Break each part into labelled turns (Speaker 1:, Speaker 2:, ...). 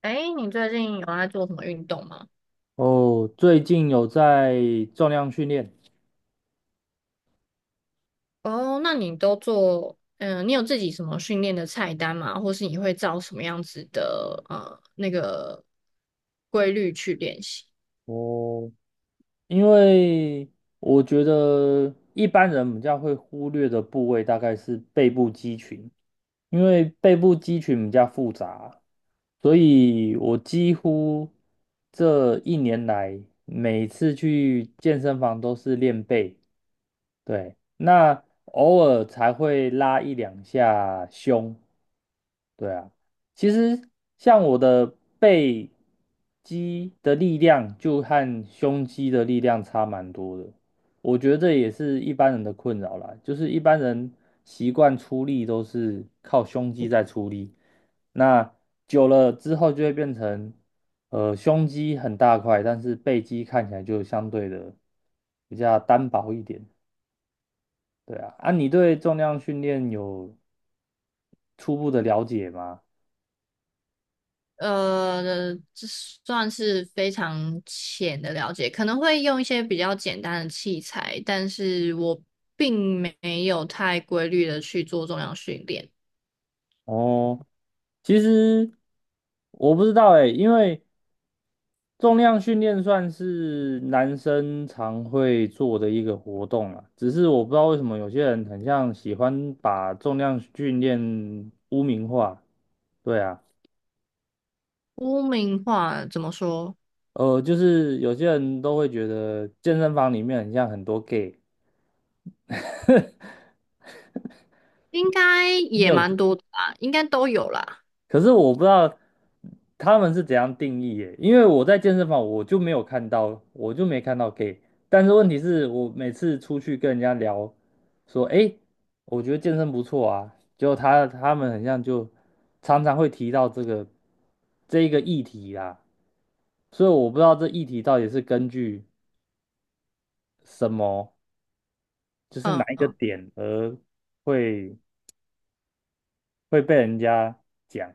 Speaker 1: 哎，你最近有在做什么运动吗？
Speaker 2: 哦，最近有在重量训练。
Speaker 1: 哦，那你都做，嗯，你有自己什么训练的菜单吗？或是你会照什么样子的规律去练习？
Speaker 2: 哦，因为我觉得一般人比较会忽略的部位大概是背部肌群，因为背部肌群比较复杂，所以我几乎这一年来每次去健身房都是练背，对，那偶尔才会拉一两下胸，对啊，其实像我的背肌的力量就和胸肌的力量差蛮多的，我觉得这也是一般人的困扰啦，就是一般人习惯出力都是靠胸肌在出力，那久了之后就会变成，胸肌很大块，但是背肌看起来就相对的比较单薄一点。对啊，啊，你对重量训练有初步的了解吗？
Speaker 1: 这算是非常浅的了解，可能会用一些比较简单的器材，但是我并没有太规律的去做重量训练。
Speaker 2: 哦。其实我不知道哎，因为重量训练算是男生常会做的一个活动啊，只是我不知道为什么有些人很像喜欢把重量训练污名化。对啊，
Speaker 1: 污名化怎么说？
Speaker 2: 就是有些人都会觉得健身房里面很像很多 gay，
Speaker 1: 应该
Speaker 2: 没
Speaker 1: 也
Speaker 2: 有，
Speaker 1: 蛮多的吧，应该都有啦。
Speaker 2: 可是我不知道他们是怎样定义耶，因为我在健身房我就没有看到，我就没看到 gay。但是问题是我每次出去跟人家聊，说，诶，我觉得健身不错啊，结果他们很像就常常会提到这一个议题啦，所以我不知道这议题到底是根据什么，就是哪一个
Speaker 1: 嗯。
Speaker 2: 点而会会被人家讲，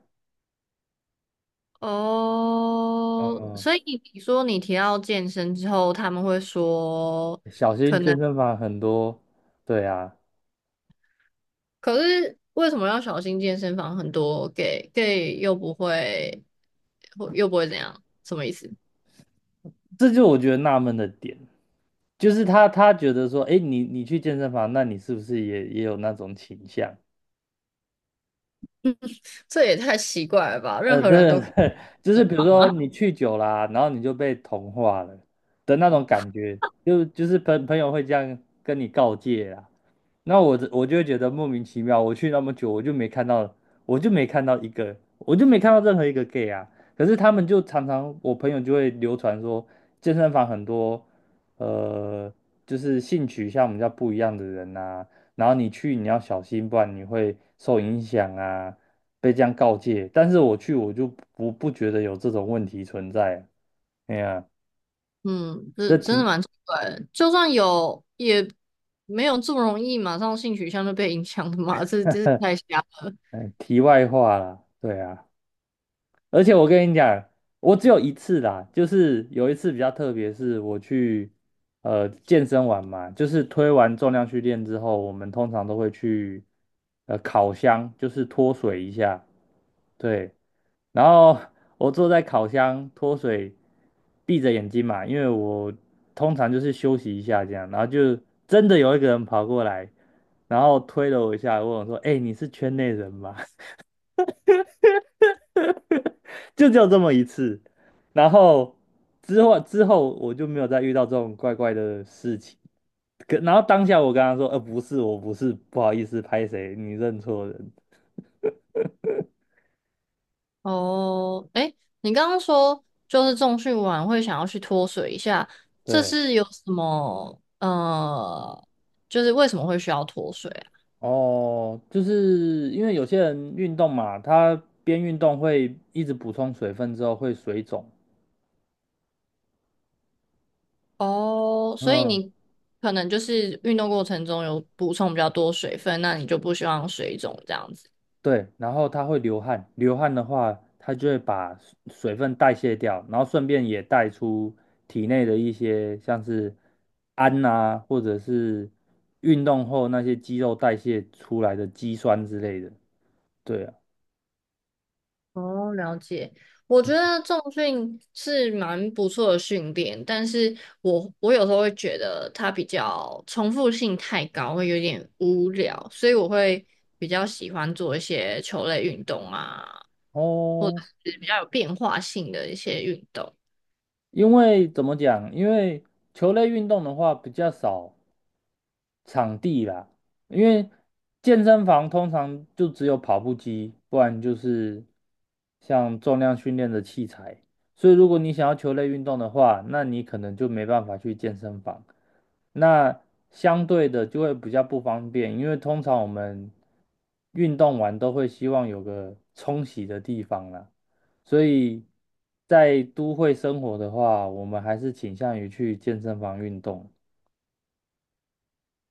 Speaker 1: 哦，
Speaker 2: 嗯，
Speaker 1: 所以你说你提到健身之后，他们会说
Speaker 2: 小
Speaker 1: 可
Speaker 2: 心健
Speaker 1: 能，
Speaker 2: 身房很多，对啊。
Speaker 1: 可是为什么要小心健身房很多 gay， gay 又不会，又不会怎样？什么意思？
Speaker 2: 这就我觉得纳闷的点，就是他觉得说，哎，你去健身房，那你是不是也有那种倾向？
Speaker 1: 这也太奇怪了吧！任何人都
Speaker 2: 对
Speaker 1: 可
Speaker 2: 对，就
Speaker 1: 以
Speaker 2: 是比如
Speaker 1: 放
Speaker 2: 说
Speaker 1: 啊。
Speaker 2: 你 去久啦、然后你就被同化了的那种感觉，就是朋友会这样跟你告诫啊。那我就会觉得莫名其妙，我去那么久，我就没看到，我就没看到一个，我就没看到任何一个 gay 啊。可是他们就常常，我朋友就会流传说，健身房很多，呃，就是性取向比较不一样的人呐、然后你去你要小心，不然你会受影响啊，被这样告诫。但是我去我就不觉得有这种问题存在啊。哎呀，
Speaker 1: 嗯，这
Speaker 2: 这
Speaker 1: 真的
Speaker 2: 题，
Speaker 1: 蛮奇怪的。就算有，也没有这么容易马上性取向就被影响的嘛，这是太瞎了。
Speaker 2: 题外话啦，对啊。而且我跟你讲，我只有一次啦，就是有一次比较特别，是我去健身完嘛，就是推完重量训练之后，我们通常都会去烤箱，就是脱水一下，对。然后我坐在烤箱脱水，闭着眼睛嘛，因为我通常就是休息一下这样，然后就真的有一个人跑过来，然后推了我一下，问我说："哎、你是圈内人吗？"就只有这么一次。然后之后我就没有再遇到这种怪怪的事情。可然后当下我跟他说，不是，我不是，不好意思，拍谁，你认错人。
Speaker 1: 哦，哎，你刚刚说就是重训完会想要去脱水一下，这
Speaker 2: 对，
Speaker 1: 是有什么就是为什么会需要脱水啊？
Speaker 2: 哦，就是因为有些人运动嘛，他边运动会一直补充水分之后会水肿。
Speaker 1: 哦，所以
Speaker 2: 嗯，
Speaker 1: 你可能就是运动过程中有补充比较多水分，那你就不希望水肿这样子。
Speaker 2: 对，然后它会流汗，流汗的话，它就会把水分代谢掉，然后顺便也带出体内的一些像是氨啊，或者是运动后那些肌肉代谢出来的肌酸之类的。对啊，
Speaker 1: 哦，了解。我觉得重训是蛮不错的训练，但是我有时候会觉得它比较重复性太高，会有点无聊，所以我会比较喜欢做一些球类运动啊，或者
Speaker 2: 哦，
Speaker 1: 是比较有变化性的一些运动。
Speaker 2: 因为怎么讲？因为球类运动的话比较少场地啦，因为健身房通常就只有跑步机，不然就是像重量训练的器材。所以如果你想要球类运动的话，那你可能就没办法去健身房。那相对的就会比较不方便，因为通常我们运动完都会希望有个冲洗的地方啦。所以在都会生活的话，我们还是倾向于去健身房运动。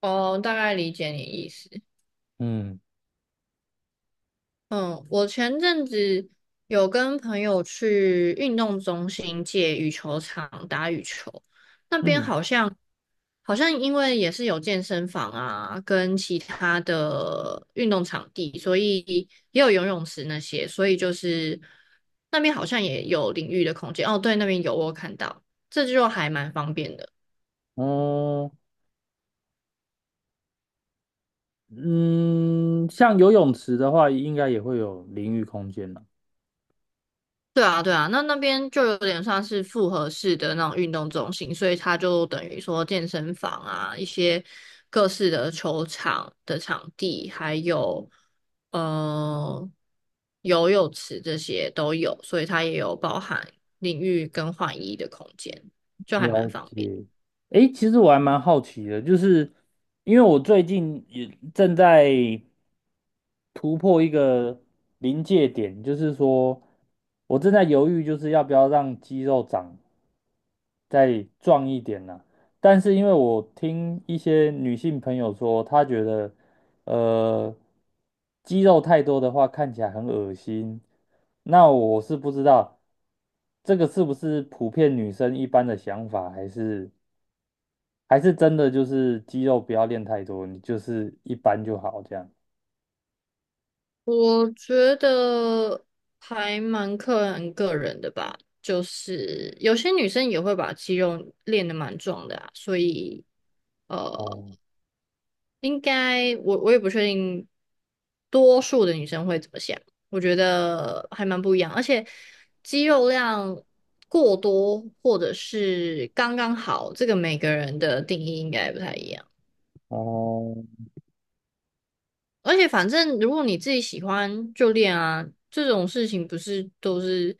Speaker 1: 哦，大概理解你意思。
Speaker 2: 嗯。
Speaker 1: 嗯，我前阵子有跟朋友去运动中心借羽球场打羽球，那边
Speaker 2: 嗯，
Speaker 1: 好像好像因为也是有健身房啊，跟其他的运动场地，所以也有游泳池那些，所以就是那边好像也有淋浴的空间。哦，对，那边有我有看到，这就还蛮方便的。
Speaker 2: 嗯，嗯，像游泳池的话，应该也会有淋浴空间了。
Speaker 1: 对啊，对啊，那那边就有点算是复合式的那种运动中心，所以它就等于说健身房啊，一些各式的球场的场地，还有呃游泳池这些都有，所以它也有包含淋浴跟换衣的空间，就还
Speaker 2: 了
Speaker 1: 蛮方便。
Speaker 2: 解。诶，其实我还蛮好奇的，就是因为我最近也正在突破一个临界点，就是说我正在犹豫，就是要不要让肌肉长再壮一点呢、但是因为我听一些女性朋友说，她觉得呃肌肉太多的话看起来很恶心，那我是不知道这个是不是普遍女生一般的想法，还是真的就是肌肉不要练太多，你就是一般就好这样。
Speaker 1: 我觉得还蛮看个人的吧，就是有些女生也会把肌肉练得蛮壮的啊，所以。呃，
Speaker 2: 哦
Speaker 1: 应该我也不确定，多数的女生会怎么想？我觉得还蛮不一样，而且肌肉量过多或者是刚刚好，这个每个人的定义应该不太一样。
Speaker 2: 哦
Speaker 1: 而且反正如果你自己喜欢就练啊，这种事情不是都是，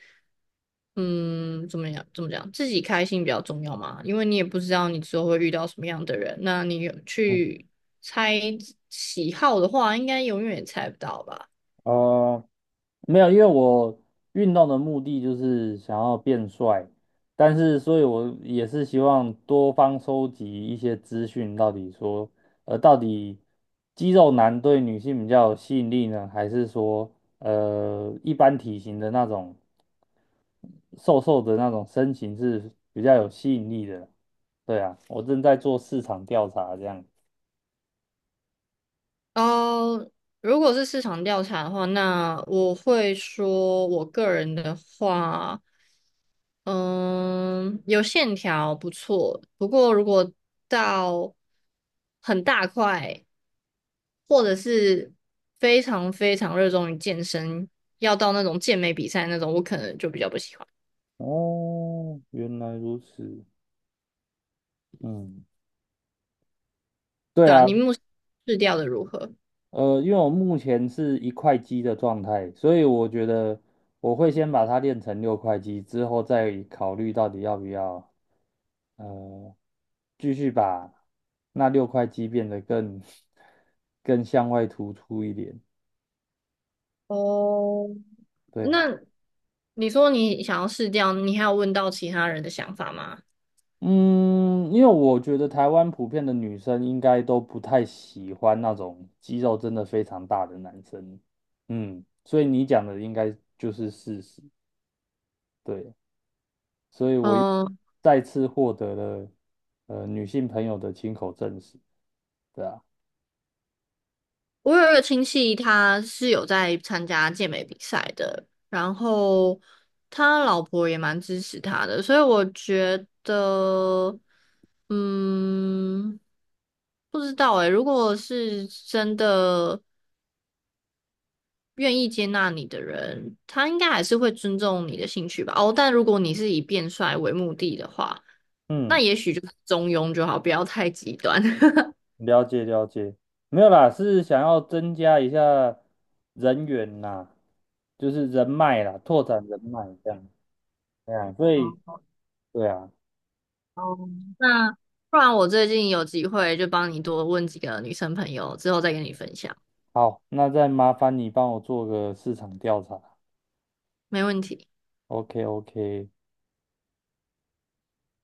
Speaker 1: 嗯，怎么讲，自己开心比较重要嘛，因为你也不知道你之后会遇到什么样的人，那你有去猜喜好的话，应该永远也猜不到吧。
Speaker 2: 哦，没有，因为我运动的目的就是想要变帅，但是所以我也是希望多方收集一些资讯，到底说，到底肌肉男对女性比较有吸引力呢，还是说，一般体型的那种瘦瘦的那种身形是比较有吸引力的？对啊，我正在做市场调查，这样。
Speaker 1: 哦，如果是市场调查的话，那我会说，我个人的话，嗯，有线条不错，不过如果到很大块，或者是非常非常热衷于健身，要到那种健美比赛那种，我可能就比较不喜欢。
Speaker 2: 哦，原来如此。嗯，对
Speaker 1: 对啊，
Speaker 2: 啊。
Speaker 1: 你目前试掉的如何？
Speaker 2: 因为我目前是一块肌的状态，所以我觉得我会先把它练成六块肌，之后再考虑到底要不要呃继续把那六块肌变得更 更向外突出一点。
Speaker 1: 哦，
Speaker 2: 对啊，
Speaker 1: 那你说你想要试掉，你还有问到其他人的想法吗？
Speaker 2: 嗯，因为我觉得台湾普遍的女生应该都不太喜欢那种肌肉真的非常大的男生，嗯，所以你讲的应该就是事实。对。所以我又
Speaker 1: 嗯。
Speaker 2: 再次获得了女性朋友的亲口证实，对啊，
Speaker 1: 我有一个亲戚，他是有在参加健美比赛的，然后他老婆也蛮支持他的，所以我觉得，嗯，不知道诶，如果是真的愿意接纳你的人，他应该还是会尊重你的兴趣吧。哦，但如果你是以变帅为目的的话，那
Speaker 2: 嗯，
Speaker 1: 也许就是中庸就好，不要太极端。
Speaker 2: 了解了解，没有啦，是想要增加一下人员呐，就是人脉啦，拓展人脉这样，对啊，所以对啊，
Speaker 1: 哦，那不然我最近有机会就帮你多问几个女生朋友，之后再跟你分享，
Speaker 2: 好，那再麻烦你帮我做个市场调查
Speaker 1: 没问题。
Speaker 2: ，OK OK，